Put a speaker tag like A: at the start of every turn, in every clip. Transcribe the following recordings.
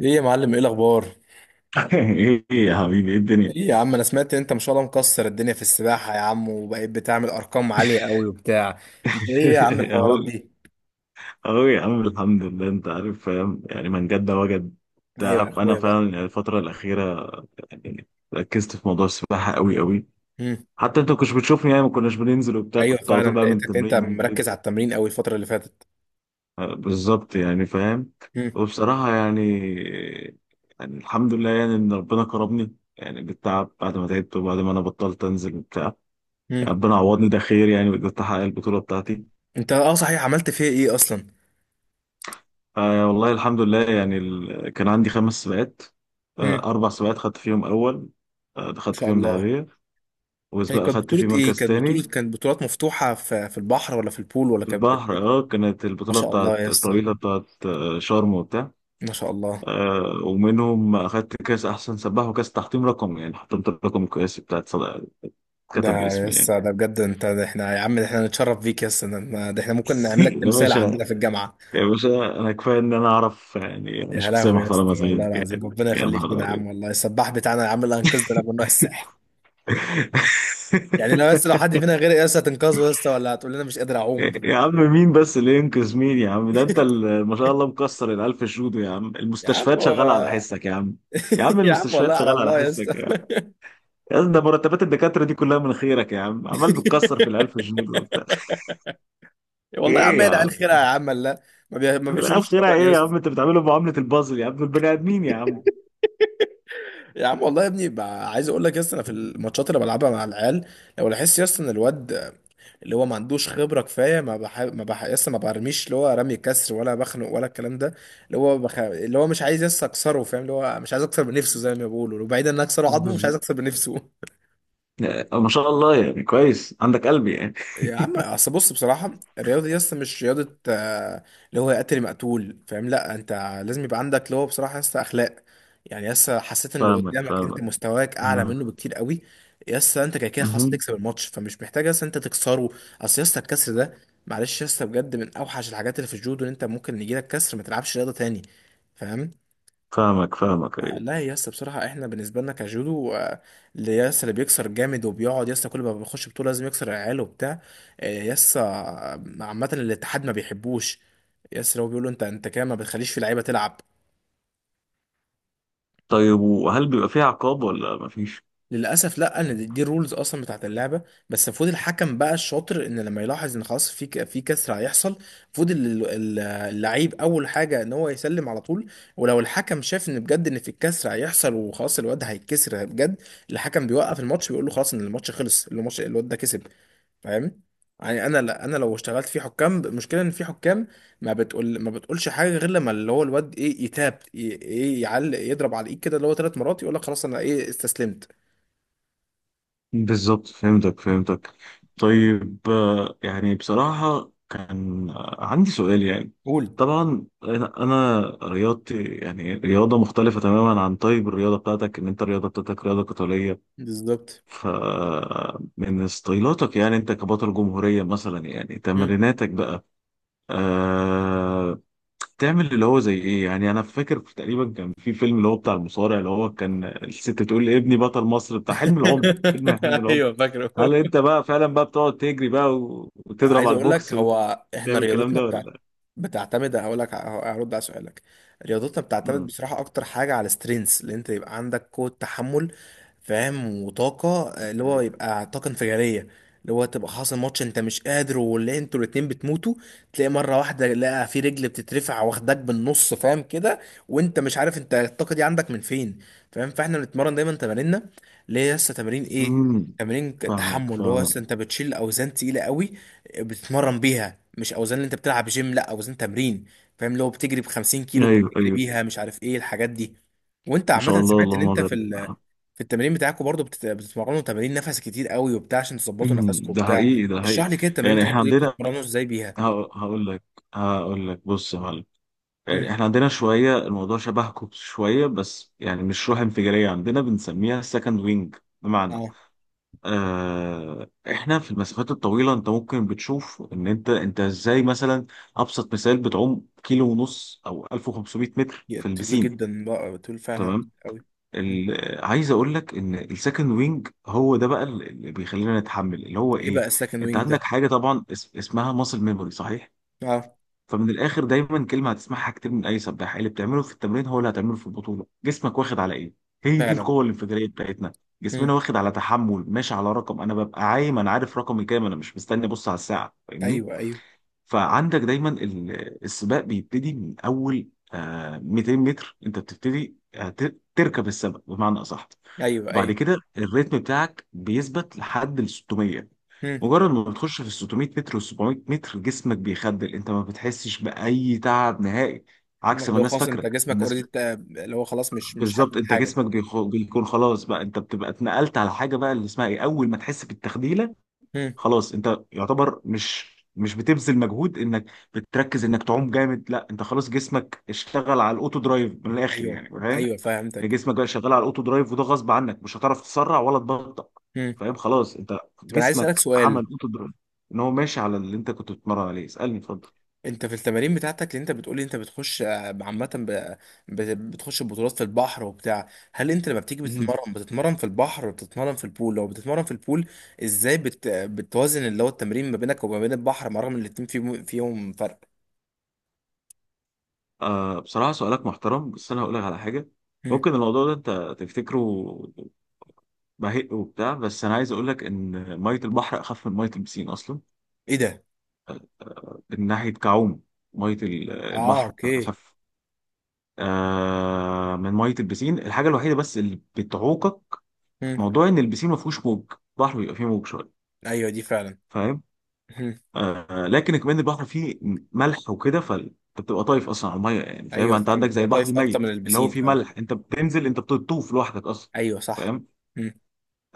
A: ايه يا معلم؟ ايه الاخبار؟
B: ايه يا حبيبي، ايه الدنيا؟
A: ايه يا عم، انا سمعت ان انت ما شاء الله مكسر الدنيا في السباحه يا عم، وبقيت بتعمل ارقام عاليه قوي وبتاع. انت ايه يا عم الحوارات
B: اهو،
A: دي؟
B: اهو يا عم، الحمد لله، انت عارف فاهم يعني من جد وجد.
A: ايوه يا
B: تعرف، انا
A: اخويا بقى.
B: فعلا يعني الفتره الاخيره، يعني ركزت في موضوع السباحه قوي قوي.
A: مم.
B: حتى انت ما كنتش بتشوفني يعني، ما كناش بننزل وبتاع،
A: ايوه
B: كنت على
A: فعلا،
B: طول بقى من
A: لقيتك انت
B: التمرين
A: مركز
B: للبيت.
A: على التمرين قوي الفتره اللي فاتت.
B: آه، بالظبط يعني فاهم.
A: مم.
B: وبصراحه يعني الحمد لله يعني ان ربنا كرمني يعني بالتعب، بعد ما تعبت وبعد ما انا بطلت انزل وبتاع.
A: مم.
B: يعني ربنا عوضني، ده خير يعني، وقدرت احقق البطوله بتاعتي.
A: انت اه صحيح عملت فيها ايه اصلا؟
B: آه، والله الحمد لله يعني، كان عندي خمس سباقات. آه،
A: مم.
B: أربع سباقات خدت فيهم أول. آه،
A: ما
B: خدت
A: شاء
B: فيهم
A: الله.
B: ذهبية.
A: هي
B: وسباق
A: كانت
B: خدت فيه
A: بطوله ايه؟
B: مركز
A: كانت بطوله
B: تاني.
A: كانت بطولات مفتوحه في البحر، ولا في البول، ولا
B: في البحر، اه كانت
A: ما
B: البطولة
A: شاء
B: بتاعت
A: الله يا اسطى.
B: الطويلة بتاعت شرم وبتاع.
A: ما شاء الله.
B: آه، ومنهم أخدت كأس أحسن سباح وكأس تحطيم رقم، يعني حطمت الرقم القياسي بتاعت صدق، كتب
A: ده
B: باسمي يعني.
A: لسه ده بجد، انت؟ ده احنا يا عم، ده احنا نتشرف بيك يا اسطى. ده احنا ممكن نعملك
B: يا
A: تمثال
B: باشا،
A: عندنا في الجامعه.
B: يا باشا، أنا كفاية إن أنا أعرف يعني، أنا
A: يا
B: شخصية
A: لهوي يا
B: محترمة
A: اسطى،
B: زيك
A: والله
B: يعني.
A: العظيم ربنا
B: يا
A: يخليك
B: نهار
A: لنا يا
B: أبيض.
A: عم، والله السباح بتاعنا يا عم اللي انقذنا لما نروح الساحل. يعني لو حد فينا غير يا اسطى، هتنقذه يا اسطى، ولا هتقول لنا مش قادر اعوم؟
B: يا عم، مين بس اللي ينقذ مين يا عم؟ ده انت ما شاء الله مكسر الالف جودو، يا عم
A: يا عم
B: المستشفيات شغاله على
A: هو-
B: حسك يا عم. يا عم
A: يا عم والله
B: المستشفيات
A: على
B: شغاله على
A: الله يا
B: حسك
A: اسطى.
B: يا عم. يا عم، ده مرتبات الدكاتره دي كلها من خيرك يا عم، عمال بتكسر في الالف جنيه دول وبتاع.
A: والله يا عم
B: ايه يا
A: هي.
B: عم؟
A: خيرها يا عم، لا. ما بيشوفوش
B: الالف خيرها
A: لبن يا
B: ايه يا عم؟
A: اسطى.
B: انت بتعمله معامله البازل، يا عم دول بني ادمين يا عم.
A: يا عم والله يا ابني بقى، عايز اقول لك يا اسطى، انا في الماتشات اللي بلعبها مع العيال، لو لاحظت يا اسطى ان الواد اللي هو ما عندوش خبره كفايه، ما بح... ما بح... يس ما برميش اللي هو رمي كسر، ولا بخنق، ولا الكلام ده. اللي هو مش عايز اكسره، فاهم؟ اللي هو مش عايز اكسر بنفسه، زي ما بيقولوا، وبعيدا ان اكسره عظمه، مش
B: بز-
A: عايز اكسر بنفسه.
B: ما شاء الله يعني، كويس عندك قلب يعني.
A: يا عم اصل بص بصراحه، الرياضه دي اصلا مش رياضه. اللي هو قتل مقتول، فاهم؟ لا انت لازم يبقى عندك اللي هو بصراحه لسه اخلاق. يعني لسه حسيت ان اللي
B: فاهمك،
A: قدامك انت
B: فاهمك.
A: مستواك اعلى
B: مم.
A: منه بكتير قوي، لسه انت كده كده خلاص
B: مهم.
A: تكسب الماتش، فمش محتاج لسه انت تكسره. اصل لسه الكسر ده، معلش، لسه بجد من اوحش الحاجات اللي في الجودو، ان انت ممكن يجيلك كسر ما تلعبش رياضه تاني، فاهم؟
B: فاهمك، فاهمك ايه.
A: لا يا اسطى، بصراحة احنا بالنسبة لنا كجودو، اللي بيكسر جامد، وبيقعد يا اسطى كل ما بيخش بطولة لازم يكسر العيال وبتاع، يا اسطى، عامة الاتحاد ما بيحبوش، يا اسطى. هو بيقول له انت كده ما بتخليش في لعيبة تلعب.
B: طيب، وهل بيبقى فيه عقاب ولا مفيش؟
A: للاسف لا، ان دي الرولز اصلا بتاعت اللعبه، بس المفروض الحكم بقى الشاطر ان لما يلاحظ ان خلاص في كسر هيحصل، المفروض اللعيب اول حاجه ان هو يسلم على طول. ولو الحكم شاف ان بجد ان في الكسر هيحصل، وخلاص الواد هيتكسر بجد، الحكم بيوقف الماتش، بيقول له خلاص ان الماتش خلص، الماتش الواد ده كسب، فاهم؟ يعني انا، لا انا لو اشتغلت في حكام، المشكله ان في حكام ما بتقولش حاجه غير لما اللي هو الواد ايه يتاب ايه يعلق، يضرب على الايد كده اللي هو ثلاث مرات، يقول لك خلاص انا ايه استسلمت.
B: بالظبط، فهمتك، فهمتك. طيب، يعني بصراحة كان عندي سؤال يعني.
A: قول.
B: طبعا أنا رياضتي يعني رياضة مختلفة تماما عن طيب الرياضة بتاعتك، إن أنت الرياضة بتاعتك رياضة قتالية.
A: بالظبط.
B: فمن ستايلاتك يعني، أنت كبطل جمهورية مثلا يعني
A: مم.
B: تمريناتك بقى، آه، تعمل اللي هو زي ايه يعني. انا فاكر تقريبا كان في فيلم اللي هو بتاع المصارع، اللي هو كان الست بتقول لابني بطل مصر، بتاع حلم العمر، فيلم حلم العمر.
A: ايوه فاكره.
B: هل انت بقى فعلا بقى بتقعد تجري بقى، و- وتضرب
A: عايز
B: على
A: اقول لك،
B: البوكس
A: هو احنا
B: وتعمل الكلام
A: رياضتنا
B: ده
A: بتاعت،
B: ولا؟
A: بتعتمد، هقول لك، هرد على سؤالك. رياضتنا بتعتمد
B: امم
A: بصراحه اكتر حاجه على سترينث، اللي انت يبقى عندك قوه تحمل، فاهم؟ وطاقة، اللي هو يبقى طاقة انفجارية، اللي هو تبقى حاصل ماتش انت مش قادر، واللي انتوا الاتنين بتموتوا، تلاقي مرة واحدة لقى في رجل بتترفع واخدك بالنص، فاهم كده؟ وانت مش عارف انت الطاقة دي عندك من فين، فاهم؟ فاحنا بنتمرن دايما تماريننا، اللي هي لسه تمارين ايه،
B: امم
A: تمارين
B: فاهمك،
A: تحمل، اللي هو لسه
B: فاهمك،
A: انت بتشيل اوزان تقيلة قوي، بتتمرن بيها، مش اوزان اللي انت بتلعب جيم، لا اوزان تمرين، فاهم؟ لو بتجري ب 50 كيلو
B: ايوه،
A: بتجري
B: ايوه.
A: بيها، مش عارف ايه الحاجات دي. وانت
B: ما
A: عامة
B: شاء الله،
A: سمعت ان
B: اللهم
A: انت في
B: بارك.
A: ال، في التمارين بتاعكم برضو بتتمرنوا تمارين نفس كتير قوي وبتاع، عشان تظبطوا نفسكم
B: ده
A: وبتاع.
B: حقيقي، ده
A: اشرح
B: حقيقي.
A: لي كده التمارين
B: يعني احنا
A: بتاعكم دي
B: عندنا،
A: بتتمرنوا ازاي بيها.
B: هق- هقول لك هقول لك بص يا معلم.
A: مم.
B: يعني احنا عندنا شوية، الموضوع شبهكم شوية، بس يعني مش روح انفجارية، عندنا بنسميها سكند وينج. بمعنى،
A: اه.
B: اه، احنا في المسافات الطويلة، انت ممكن بتشوف ان انت ازاي مثلا. ابسط مثال، بتعوم كيلو ونص او 1500 متر
A: يا
B: في
A: طويل
B: البسين،
A: جدا بقى، طويل فعلا
B: تمام.
A: قوي. مم.
B: عايز اقول لك ان السكند وينج هو ده بقى اللي بيخلينا نتحمل، اللي هو
A: ايه
B: ايه.
A: بقى السكند
B: انت
A: وينج ده؟
B: عندك حاجة طبعا، اسمها ماسل ميموري، صحيح.
A: اه.
B: فمن الاخر، دايما كلمه هتسمعها كتير من اي سباح، اللي بتعمله في التمرين هو اللي هتعمله في البطوله، جسمك واخد على ايه. هي دي
A: فعلا.
B: القوه الانفجاريه بتاعتنا.
A: مم.
B: جسمنا واخد على تحمل، ماشي على رقم، انا ببقى عايم انا عارف رقمي كام، انا مش مستني ابص على الساعه، فاهمني.
A: ايوه ايوه.
B: فعندك دايما السباق بيبتدي من اول 200 متر، انت بتبتدي تركب السبق بمعنى اصح.
A: ايوه
B: وبعد
A: ايوه.
B: كده الريتم بتاعك بيثبت لحد ال 600.
A: مم.
B: مجرد ما بتخش في ال 600 متر وال 700 متر، جسمك بيخدل، انت ما بتحسش بأي تعب نهائي. عكس ما
A: لو
B: الناس
A: خلاص انت
B: فاكره،
A: جسمك
B: الناس.
A: اوريدي، اللي هو خلاص مش حاسس
B: بالظبط، انت
A: بحاجه.
B: جسمك بيكون خلاص بقى، انت بتبقى اتنقلت على حاجه بقى اللي اسمها ايه، اول ما تحس بالتخديله.
A: مم.
B: خلاص، انت يعتبر مش بتبذل مجهود انك بتركز انك تعوم جامد، لا انت خلاص جسمك اشتغل على الاوتو درايف من الاخر
A: ايوه.
B: يعني، فاهم.
A: ايوه فهمتك.
B: جسمك بقى شغال على الاوتو درايف، وده غصب عنك، مش هتعرف تسرع ولا تبطأ.
A: مم.
B: فاهم، خلاص انت
A: طب انا عايز اسالك
B: جسمك
A: سؤال.
B: عمل اوتو درايف. ان هو ماشي على اللي انت كنت بتتمرن عليه، اسألني اتفضل.
A: انت في التمارين بتاعتك اللي انت بتقولي، انت بتخش، عامة بتخش بطولات في البحر وبتاع، هل انت لما بتيجي
B: مهم.
A: بتتمرن في البحر ولا بتتمرن في البول؟ لو بتتمرن في البول، ازاي بتوازن اللي هو التمرين ما بينك وما بين البحر، مع رغم ان الاتنين فيهم فرق؟
B: آه، بصراحة سؤالك محترم، بس أنا هقول لك على حاجة.
A: هم.
B: ممكن الموضوع ده أنت تفتكره بهق وبتاع، بس أنا عايز أقول لك إن مية البحر أخف من مية البسين أصلا.
A: ايه ده؟
B: من ناحية كعوم، مية
A: اه
B: البحر
A: اوكي.
B: أخف من مية البسين. الحاجة الوحيدة بس اللي بتعوقك،
A: هم.
B: موضوع إن البسين ما فيهوش موج، البحر بيبقى فيه موج شوية،
A: ايوه دي فعلا.
B: فاهم.
A: هم.
B: آه، لكن كمان البحر فيه ملح وكده، فانت بتبقى طايف اصلا على الميه يعني، فاهم،
A: ايوه
B: انت
A: فعلا،
B: عندك زي
A: بتبقى
B: البحر
A: طايف اكتر
B: الميت
A: من
B: اللي هو
A: البسين
B: فيه
A: فعلا.
B: ملح، انت بتنزل انت بتطوف لوحدك اصلا.
A: ايوه صح.
B: فاهم.
A: هم.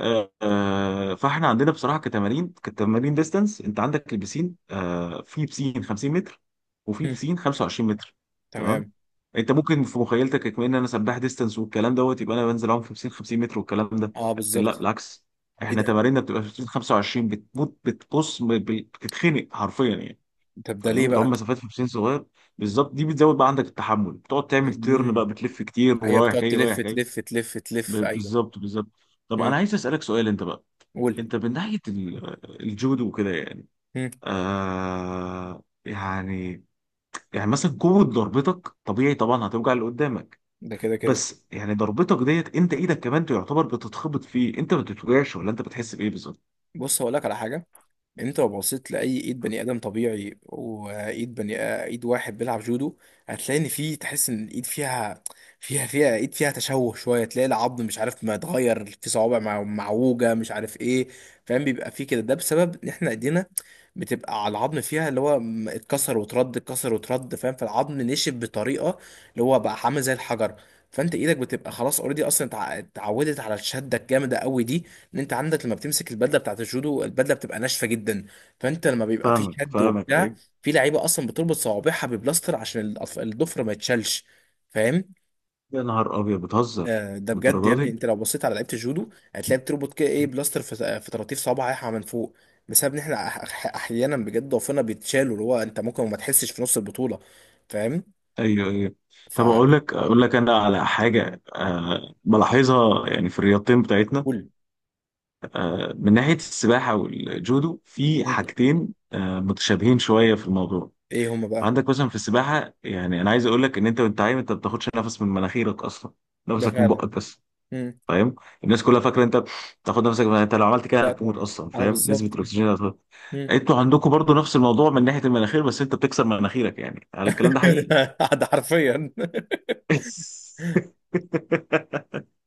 B: فاحنا عندنا بصراحه كتمارين ديستانس، انت عندك البسين، في بسين 50 متر، وفي
A: هم.
B: بسين 25 متر، تمام.
A: تمام.
B: انت ممكن في مخيلتك كمان ان انا سباح ديستانس والكلام دوت، يبقى انا بنزل اعوم في بسين 50 متر والكلام ده،
A: اه
B: لكن لا
A: بالظبط.
B: بالعكس.
A: ايه
B: احنا
A: ده؟
B: تماريننا بتبقى في بسين 25، بتموت بتبص بتتخنق حرفيا يعني.
A: طب ده
B: فاهم،
A: ليه
B: بتعوم
A: بقى؟
B: مسافات في بسين صغير. بالظبط، دي بتزود بقى عندك التحمل، بتقعد تعمل تيرن
A: مم.
B: بقى بتلف كتير
A: ايوه
B: ورايح
A: بتقعد
B: جاي
A: تلف
B: رايح جاي.
A: تلف تلف تلف، ايوه.
B: بالظبط، بالظبط. طب
A: امم.
B: انا عايز اسالك سؤال انت بقى.
A: قول.
B: انت من ناحية الجودو وكده يعني،
A: امم.
B: آه، يعني مثلا قوة ضربتك طبيعي طبعا هتوجع اللي قدامك.
A: ده كده كده.
B: بس يعني ضربتك ديت انت ايدك كمان تعتبر بتتخبط فيه، انت ما بتتوجعش ولا انت بتحس بايه بالظبط؟
A: بص هقول لك على حاجه. انت لو بصيت لاي ايد بني ادم طبيعي، وايد بني، ايد واحد بيلعب جودو، هتلاقي ان في، تحس ان الايد فيها، فيها ايد فيها تشوه شويه، تلاقي العظم مش عارف ما اتغير، في صوابع معوجه، مش عارف ايه، فاهم؟ بيبقى في كده، ده بسبب ان احنا ايدينا بتبقى على العظم، فيها اللي هو اتكسر وترد، اتكسر وترد، فاهم؟ فالعظم نشف بطريقه، اللي هو بقى عامل زي الحجر، فانت ايدك بتبقى خلاص اوريدي اصلا اتعودت على الشده الجامده قوي دي. ان انت عندك لما بتمسك البدله بتاعت الجودو، البدله بتبقى ناشفه جدا، فانت لما بيبقى في
B: فاهمك،
A: شد
B: فاهمك
A: وبتاع،
B: ايه.
A: في لعيبه اصلا بتربط صوابعها ببلاستر عشان الضفر ما يتشالش، فاهم؟
B: يا نهار ابيض، بتهزر
A: آه ده بجد، يا
B: للدرجه
A: ابني
B: دي؟
A: انت لو بصيت على لعيبه الجودو، هتلاقي بتربط كده ايه بلاستر في طراطيف صوابعها من فوق، بسبب ان احنا احيانا بجد ضعفنا بيتشالوا، اللي هو انت ممكن ما تحسش في نص البطوله، فاهم؟
B: ايوه، ايوه. طب اقول
A: فقول.
B: لك اقول لك انا على حاجه بلاحظها يعني في الرياضتين بتاعتنا. أه، من ناحيه السباحه والجودو، في حاجتين متشابهين شويه في الموضوع.
A: ايه هما بقى؟
B: عندك مثلا في السباحه يعني، انا عايز اقول لك ان انت وانت عايم انت ما بتاخدش نفس من مناخيرك اصلا،
A: ده
B: نفسك من
A: فعلا.
B: بقك بس،
A: مم.
B: فاهم. الناس كلها فاكره انت بتاخد نفسك انت لو عملت كده
A: لا
B: هتموت
A: طبعا.
B: اصلا،
A: اه
B: فاهم، نسبه
A: بالظبط.
B: الاكسجين هتخلص.
A: مم.
B: انتوا عندكم برضو نفس الموضوع من ناحيه المناخير، بس انت بتكسر مناخيرك يعني، على الكلام ده حقيقي.
A: ده ده حرفيا.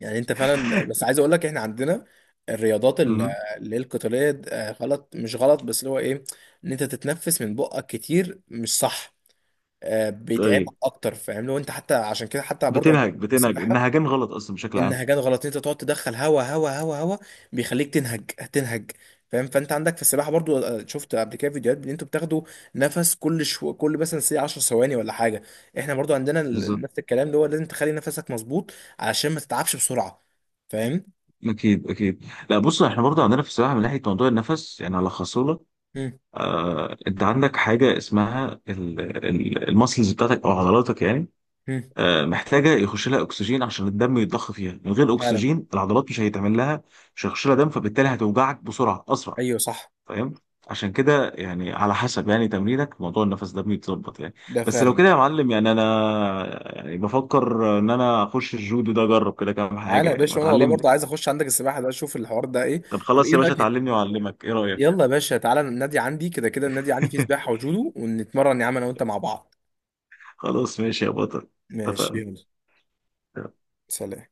A: يعني انت فعلا. بس عايز اقول لك، احنا عندنا الرياضات
B: مم.
A: اللي هي القتاليه، غلط مش غلط، بس اللي هو ايه، ان انت تتنفس من بقك كتير، مش صح، بيتعبك
B: طيب،
A: اكتر، فاهم؟ لو انت حتى، عشان كده حتى برضه أنا
B: بتنهج
A: في
B: بتنهج
A: السباحه،
B: النهجان غلط اصلا بشكل عام.
A: النهجات غلط، انت تقعد تدخل هوا هوا هوا هوا، بيخليك تنهج تنهج، فاهم؟ فانت عندك في السباحه برضو، شفت قبل كده فيديوهات ان انتوا بتاخدوا نفس كل كل مثلا سي 10 ثواني ولا حاجه. احنا برضو عندنا
B: بالظبط،
A: نفس الكلام، اللي هو لازم تخلي نفسك مظبوط، علشان ما تتعبش بسرعه، فاهم؟
B: اكيد اكيد. لا، بص، احنا برضو عندنا في السباحه من ناحيه موضوع النفس يعني، هلخصه لك.
A: هم.
B: آه، انت عندك حاجه اسمها المسلز بتاعتك او عضلاتك يعني،
A: هم.
B: آه، محتاجه يخش لها اكسجين عشان الدم يتضخ فيها، من غير
A: فعلا.
B: اكسجين العضلات مش هيتعمل لها، مش هيخش لها دم، فبالتالي هتوجعك بسرعه اسرع،
A: ايوه صح.
B: فاهم. عشان كده يعني، على حسب يعني تمرينك موضوع النفس ده بيتظبط يعني.
A: ده
B: بس لو
A: فعلا.
B: كده يا معلم يعني انا، يعني بفكر ان انا اخش الجودو ده اجرب كده كام حاجه
A: تعالى يا
B: يعني
A: باشا، وانا والله
B: اتعلم.
A: برضو عايز اخش عندك السباحه ده، اشوف الحوار ده ايه.
B: طب
A: طب
B: خلاص
A: ايه
B: يا باشا،
A: رايك؟
B: اتعلمني واعلمك، ايه رايك؟
A: يلا يا باشا تعالى، النادي عندي كده كده، النادي عندي فيه سباحه وجودو، ونتمرن يا عم انا وانت مع بعض.
B: خلاص ماشي يا بطل،
A: ماشي
B: اتفقنا.
A: يلا. سلام.